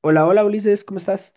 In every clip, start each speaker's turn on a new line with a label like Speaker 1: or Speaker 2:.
Speaker 1: Hola, hola Ulises, ¿cómo estás?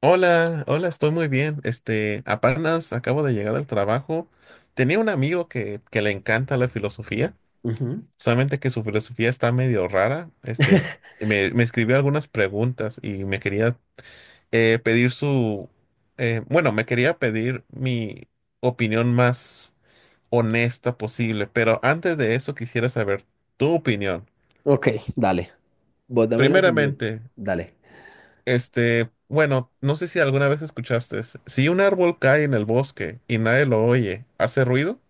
Speaker 2: Hola, hola, estoy muy bien. Apenas acabo de llegar al trabajo. Tenía un amigo que le encanta la filosofía,
Speaker 1: Ujú.
Speaker 2: solamente que su filosofía está medio rara. Me escribió algunas preguntas y me quería pedir su, bueno, me quería pedir mi opinión más honesta posible, pero antes de eso quisiera saber tu opinión.
Speaker 1: Ok, dale. Vos dame la siguiente.
Speaker 2: Primeramente,
Speaker 1: Dale.
Speaker 2: Bueno, no sé si alguna vez escuchaste. Si un árbol cae en el bosque y nadie lo oye, ¿hace ruido?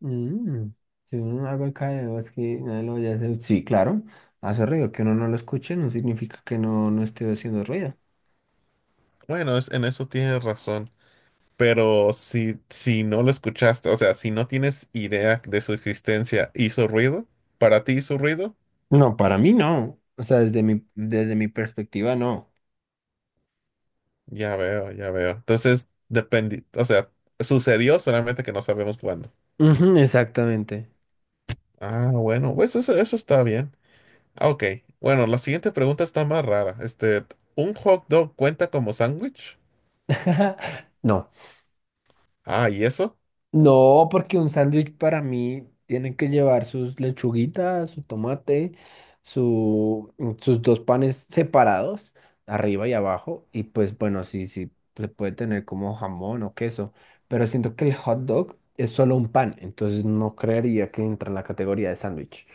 Speaker 1: Mm, Si uno no algo acá de voz que nadie lo vaya a hacer. Sí, claro, hace ruido. Que uno no lo escuche no significa que no esté haciendo ruido.
Speaker 2: Bueno, en eso tienes razón. Pero si no lo escuchaste, o sea, si no tienes idea de su existencia, ¿hizo ruido? ¿Para ti hizo ruido?
Speaker 1: No, para mí no. O sea, desde mi perspectiva, no.
Speaker 2: Ya veo, ya veo. Entonces, depende, o sea, sucedió solamente que no sabemos cuándo.
Speaker 1: Ujú, exactamente.
Speaker 2: Ah, bueno, pues eso está bien. Ah, ok, bueno, la siguiente pregunta está más rara. ¿Un hot dog cuenta como sándwich?
Speaker 1: No.
Speaker 2: Ah, ¿y eso?
Speaker 1: No, porque un sándwich para mí tiene que llevar sus lechuguitas, su tomate, sus dos panes separados, arriba y abajo. Y pues bueno, sí, sí, se puede tener como jamón o queso. Pero siento que el hot dog es solo un pan, entonces no creería que entra en la categoría de sándwich.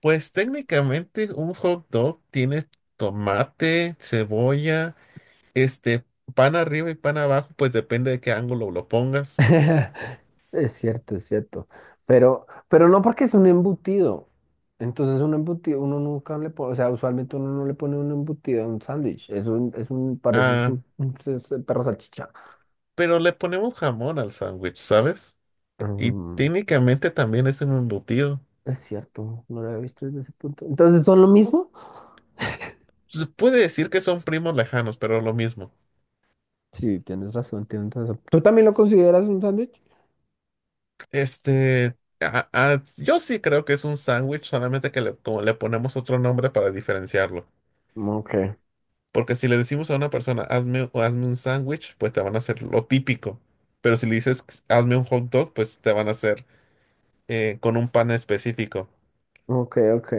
Speaker 2: Pues técnicamente un hot dog tiene tomate, cebolla, este, pan arriba y pan abajo, pues depende de qué ángulo lo pongas.
Speaker 1: Es cierto, es cierto. Pero no porque es un embutido. Entonces un embutido, uno nunca le pone, o sea, usualmente uno no le pone un embutido a un sándwich. Parece
Speaker 2: Ah,
Speaker 1: un perro salchicha.
Speaker 2: pero le ponemos jamón al sándwich, ¿sabes? Y
Speaker 1: Mm,
Speaker 2: técnicamente también es un embutido.
Speaker 1: es cierto, no lo había visto desde ese punto. Entonces, ¿son lo mismo?
Speaker 2: Se puede decir que son primos lejanos, pero lo mismo.
Speaker 1: Sí, tienes razón, tienes razón. ¿Tú también lo consideras un sándwich?
Speaker 2: Yo sí creo que es un sándwich, solamente como le ponemos otro nombre para diferenciarlo.
Speaker 1: Ok,
Speaker 2: Porque si le decimos a una persona, hazme, o hazme un sándwich, pues te van a hacer lo típico. Pero si le dices, hazme un hot dog, pues te van a hacer con un pan específico.
Speaker 1: ok, ok.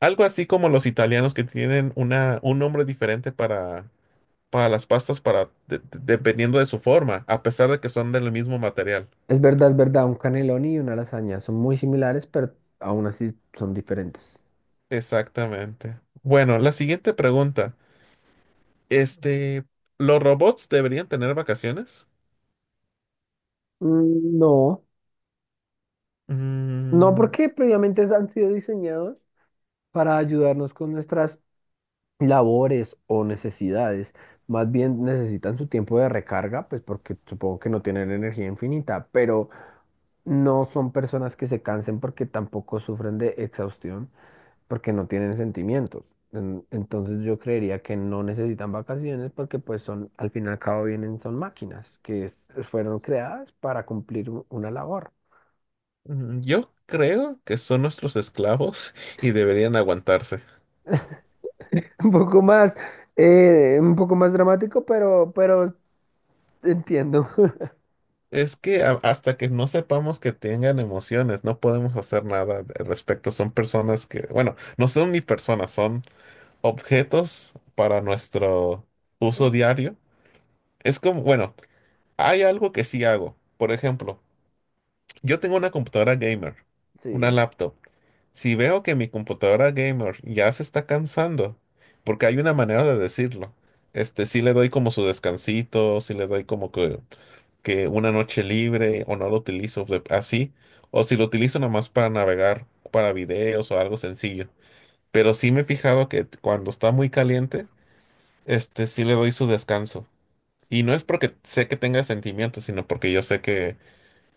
Speaker 2: Algo así como los italianos que tienen una, un nombre diferente para las pastas, dependiendo de su forma, a pesar de que son del mismo material.
Speaker 1: Es verdad, un canelón y una lasaña son muy similares, pero aún así son diferentes.
Speaker 2: Exactamente. Bueno, la siguiente pregunta. Este, ¿Los robots deberían tener vacaciones?
Speaker 1: Mm. No. No
Speaker 2: Mm,
Speaker 1: porque previamente han sido diseñados para ayudarnos con nuestras labores o necesidades. Más bien necesitan su tiempo de recarga, pues porque supongo que no tienen energía infinita, pero no son personas que se cansen porque tampoco sufren de exhaustión, porque no tienen sentimientos. Entonces yo creería que no necesitan vacaciones porque pues son, al fin y al cabo vienen, son máquinas que es- fueron creadas para cumplir u- una labor.
Speaker 2: Yo creo que son nuestros esclavos y deberían aguantarse.
Speaker 1: Un poco más, un poco más dramático, pero entiendo.
Speaker 2: Es que hasta que no sepamos que tengan emociones, no podemos hacer nada al respecto. Son personas que, bueno, no son ni personas, son objetos para nuestro uso
Speaker 1: Bueno,
Speaker 2: diario. Es como, bueno, hay algo que sí hago. Por ejemplo, yo tengo una computadora gamer, una
Speaker 1: sí.
Speaker 2: laptop. Si veo que mi computadora gamer ya se está cansando, porque hay una manera de decirlo, sí le doy como su descansito, si le doy como que una noche libre o no lo utilizo así, o si lo utilizo nomás para navegar, para videos o algo sencillo. Pero sí me he fijado que cuando está muy caliente, sí le doy su descanso. Y no es porque sé que tenga sentimientos, sino porque yo sé que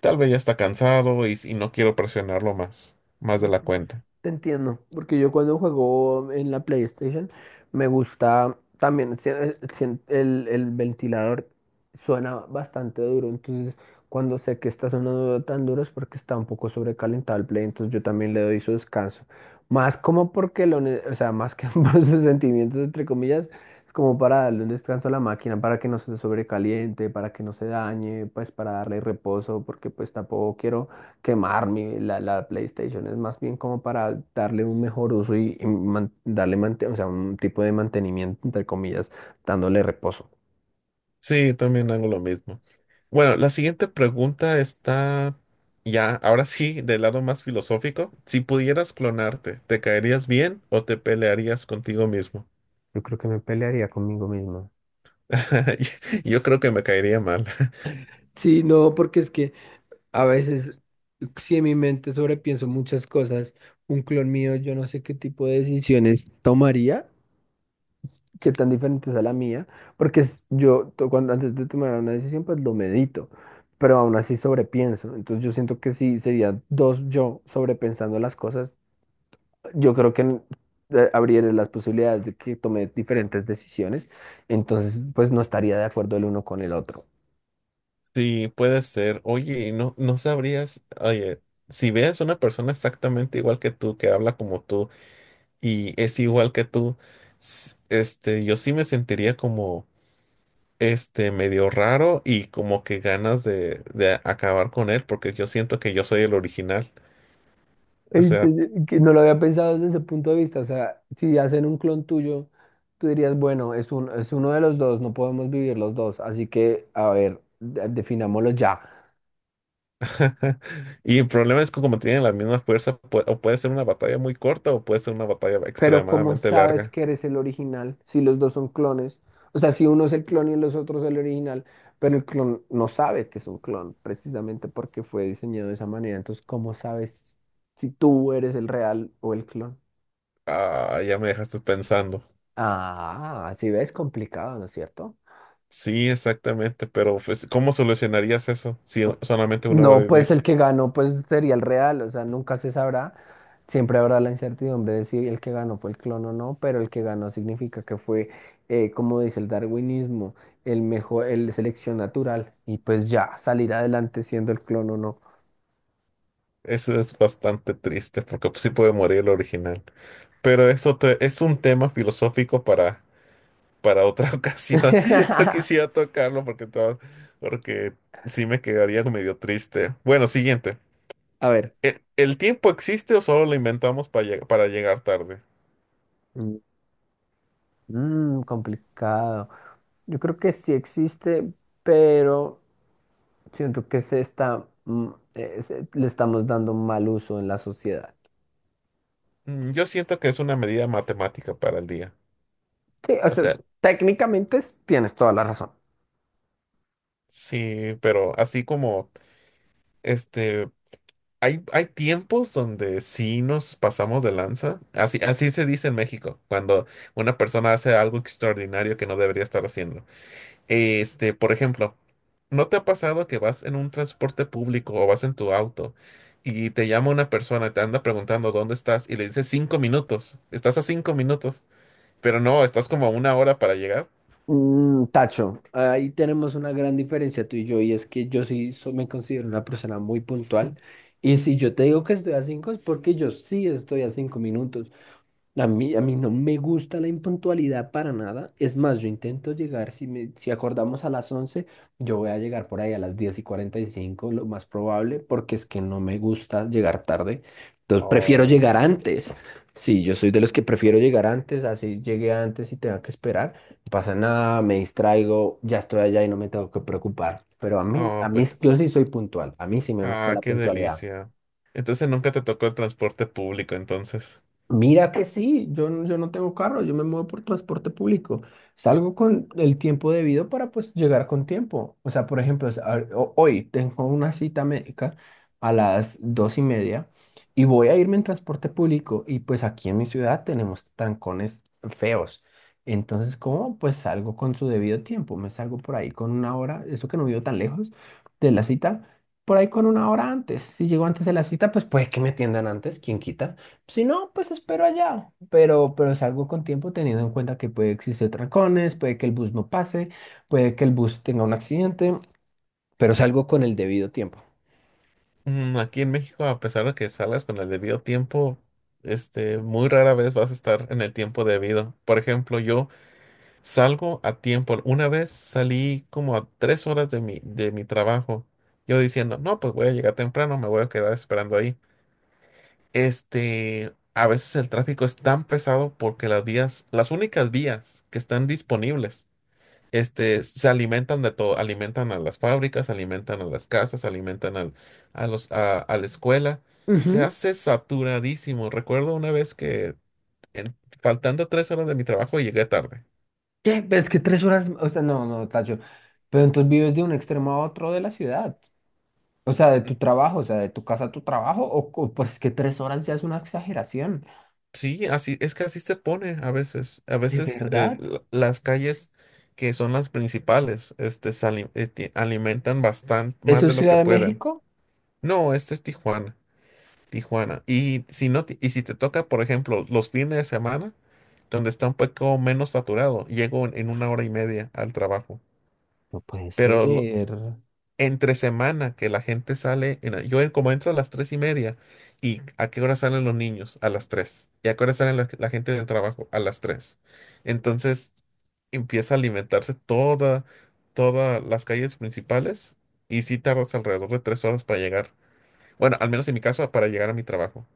Speaker 2: tal vez ya está cansado y no quiero presionarlo más, más de la cuenta.
Speaker 1: Te entiendo, porque yo cuando juego en la PlayStation me gusta también el ventilador suena bastante duro, entonces cuando sé que está sonando tan duro es porque está un poco sobrecalentado el Play, entonces yo también le doy su descanso. Más como porque o sea, más que por sus sentimientos entre comillas, es como para darle un descanso a la máquina para que no se sobrecaliente, para que no se dañe, pues para darle reposo, porque pues tampoco quiero quemar la PlayStation, es más bien como para darle un mejor uso o sea, un tipo de mantenimiento, entre comillas, dándole reposo.
Speaker 2: Sí, también hago lo mismo. Bueno, la siguiente pregunta está ya, ahora sí, del lado más filosófico. Si pudieras clonarte, ¿te caerías bien o te pelearías contigo mismo?
Speaker 1: Yo creo que me pelearía conmigo mismo.
Speaker 2: Yo creo que me caería mal.
Speaker 1: Sí, no, porque es que a veces, si en mi mente sobrepienso muchas cosas, un clon mío, yo no sé qué tipo de decisiones tomaría. Qué tan diferente es a la mía, porque cuando antes de tomar una decisión pues lo medito, pero aún así sobrepienso, entonces yo siento que si sería dos yo sobrepensando las cosas, yo creo que abriré las posibilidades de que tome diferentes decisiones, entonces pues no estaría de acuerdo el uno con el otro.
Speaker 2: Sí, puede ser. Oye, y no sabrías, oye, si veas una persona exactamente igual que tú, que habla como tú y es igual que tú, yo sí me sentiría como este medio raro y como que ganas de acabar con él porque yo siento que yo soy el original. O
Speaker 1: Ey,
Speaker 2: sea,
Speaker 1: que no lo había pensado desde ese punto de vista, o sea, si hacen un clon tuyo, tú dirías, bueno, es uno de los dos, no podemos vivir los dos, así que, a ver, definámoslo ya.
Speaker 2: y el problema es que como tienen la misma fuerza, o puede ser una batalla muy corta o puede ser una batalla
Speaker 1: Pero ¿cómo
Speaker 2: extremadamente
Speaker 1: sabes
Speaker 2: larga.
Speaker 1: que eres el original si los dos son clones? O sea, si uno es el clon y los otros el original, pero el clon no sabe que es un clon precisamente porque fue diseñado de esa manera. Entonces, ¿cómo sabes si tú eres el real o el clon?
Speaker 2: Ah, ya me dejaste pensando.
Speaker 1: Ah, si ves, complicado, ¿no es cierto?
Speaker 2: Sí, exactamente, pero pues, ¿cómo solucionarías eso si solamente uno va a
Speaker 1: No, pues
Speaker 2: vivir?
Speaker 1: el que ganó pues sería el real, o sea, nunca se sabrá. Siempre habrá la incertidumbre de si el que ganó fue el clon o no, pero el que ganó significa que fue, como dice el darwinismo, el mejor, el selección natural y pues ya salir adelante siendo el clon o no.
Speaker 2: Eso es bastante triste porque pues, sí puede morir el original. Pero es otro, es un tema filosófico para otra ocasión. No quisiera tocarlo porque sí me quedaría medio triste. Bueno, siguiente.
Speaker 1: A ver,
Speaker 2: ¿El tiempo existe o solo lo inventamos para, para llegar tarde?
Speaker 1: complicado. Yo creo que sí existe, pero siento que se está, mm, se- le estamos dando mal uso en la sociedad.
Speaker 2: Yo siento que es una medida matemática para el día.
Speaker 1: Sí, o
Speaker 2: O
Speaker 1: sea,
Speaker 2: sea,
Speaker 1: técnicamente tienes toda la razón.
Speaker 2: sí, pero así como, este, hay tiempos donde sí nos pasamos de lanza. Así, así se dice en México, cuando una persona hace algo extraordinario que no debería estar haciendo. Por ejemplo, ¿no te ha pasado que vas en un transporte público o vas en tu auto y te llama una persona, y te anda preguntando dónde estás y le dices 5 minutos? Estás a 5 minutos, pero no, estás como a una hora para llegar.
Speaker 1: Tacho, ahí tenemos una gran diferencia tú y yo, y es que yo sí me considero una persona muy puntual. Y si yo te digo que estoy a cinco es porque yo sí estoy a 5 minutos. A mí no me gusta la impuntualidad para nada. Es más, yo intento llegar, si acordamos a las 11 yo voy a llegar por ahí a las 10:45 lo más probable, porque es que no me gusta llegar tarde. Entonces prefiero
Speaker 2: Oh.
Speaker 1: llegar antes. Sí, yo soy de los que prefiero llegar antes, así llegué antes y tenga que esperar. No pasa nada, me distraigo, ya estoy allá y no me tengo que preocupar. Pero a mí, a
Speaker 2: Oh,
Speaker 1: mí,
Speaker 2: pues,
Speaker 1: yo sí soy puntual. A mí sí me gusta la
Speaker 2: qué
Speaker 1: puntualidad.
Speaker 2: delicia. Entonces nunca te tocó el transporte público, entonces.
Speaker 1: Mira que sí, yo no tengo carro, yo me muevo por transporte público. Salgo con el tiempo debido para pues llegar con tiempo. O sea, por ejemplo, hoy tengo una cita médica a las 2:30 y voy a irme en transporte público y pues aquí en mi ciudad tenemos trancones feos. Entonces, ¿cómo? Pues salgo con su debido tiempo, me salgo por ahí con una hora, eso que no vivo tan lejos de la cita, por ahí con una hora antes. Si llego antes de la cita, pues puede que me atiendan antes, ¿quién quita? Si no, pues espero allá, pero salgo con tiempo teniendo en cuenta que puede existir trancones, puede que el bus no pase, puede que el bus tenga un accidente, pero salgo con el debido tiempo.
Speaker 2: Aquí en México, a pesar de que salgas con el debido tiempo, muy rara vez vas a estar en el tiempo debido. Por ejemplo, yo salgo a tiempo. Una vez salí como a 3 horas de mi trabajo. Yo diciendo, no, pues voy a llegar temprano, me voy a quedar esperando ahí. A veces el tráfico es tan pesado porque las vías, las únicas vías que están disponibles, se alimentan de todo. Alimentan a las fábricas, alimentan a las casas, alimentan a la escuela. Se
Speaker 1: Ujú.
Speaker 2: hace saturadísimo. Recuerdo una vez que en- faltando 3 horas de mi trabajo llegué tarde.
Speaker 1: ¿Qué? Pero es que 3 horas, o sea, no, no, Tacho, pero entonces vives de un extremo a otro de la ciudad, o sea, de tu trabajo, o sea, de tu casa a tu trabajo, o pues que tres horas ya es una exageración,
Speaker 2: Sí, así es que así se pone a veces. A
Speaker 1: ¿de
Speaker 2: veces
Speaker 1: verdad?
Speaker 2: las calles que son las principales, se alimentan bastante más
Speaker 1: ¿Eso
Speaker 2: de
Speaker 1: es
Speaker 2: lo que
Speaker 1: Ciudad de
Speaker 2: pueden.
Speaker 1: México?
Speaker 2: No, este es Tijuana, Tijuana. Y si no, y si te toca, por ejemplo, los fines de semana, donde está un poco menos saturado, llego en 1 hora y media al trabajo.
Speaker 1: No puede ser.
Speaker 2: Pero entre semana que la gente sale, en yo como entro a las 3:30, ¿y a qué hora salen los niños? A las tres. ¿Y a qué hora salen la gente del trabajo? A las tres. Entonces empieza a alimentarse toda, todas las calles principales y sí tardas alrededor de 3 horas para llegar. Bueno, al menos en mi caso, para llegar a mi trabajo.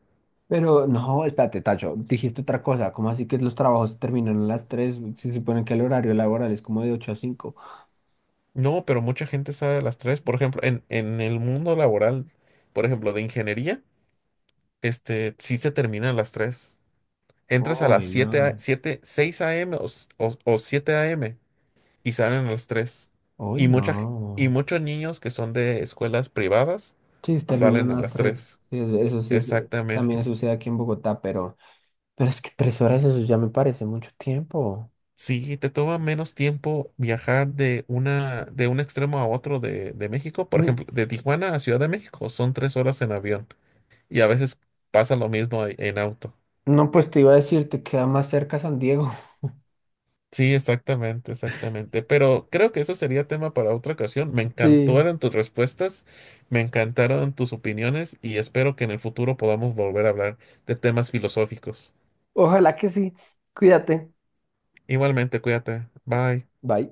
Speaker 1: Pero no, espérate, Tacho, dijiste otra cosa. ¿Cómo así que los trabajos se terminan a las 3? Se supone que el horario laboral es como de ocho a cinco.
Speaker 2: No, pero mucha gente sale a las tres. Por ejemplo, en el mundo laboral, por ejemplo, de ingeniería, sí se termina a las tres. Entras a las
Speaker 1: Uy,
Speaker 2: 7
Speaker 1: no.
Speaker 2: siete, seis a m o, o 7 a.m. y salen a las tres.
Speaker 1: Uy,
Speaker 2: Y, mucha, g- y
Speaker 1: no.
Speaker 2: muchos niños que son de escuelas privadas
Speaker 1: Sí, se
Speaker 2: salen
Speaker 1: terminan a
Speaker 2: a
Speaker 1: las
Speaker 2: las
Speaker 1: 3.
Speaker 2: tres.
Speaker 1: Sí, eso sí también
Speaker 2: Exactamente.
Speaker 1: sucede aquí en Bogotá, pero es que 3 horas eso ya me parece mucho tiempo.
Speaker 2: Sí, te toma menos tiempo viajar de un extremo a otro de México. Por
Speaker 1: Mm,
Speaker 2: ejemplo, de Tijuana a Ciudad de México son 3 horas en avión. Y a veces pasa lo mismo en auto.
Speaker 1: No, pues te iba a decir, te queda más cerca San Diego.
Speaker 2: Sí, exactamente, exactamente. Pero creo que eso sería tema para otra ocasión. Me
Speaker 1: Sí.
Speaker 2: encantaron tus respuestas, me encantaron tus opiniones y espero que en el futuro podamos volver a hablar de temas filosóficos.
Speaker 1: Ojalá que sí. Cuídate.
Speaker 2: Igualmente, cuídate. Bye.
Speaker 1: Bye.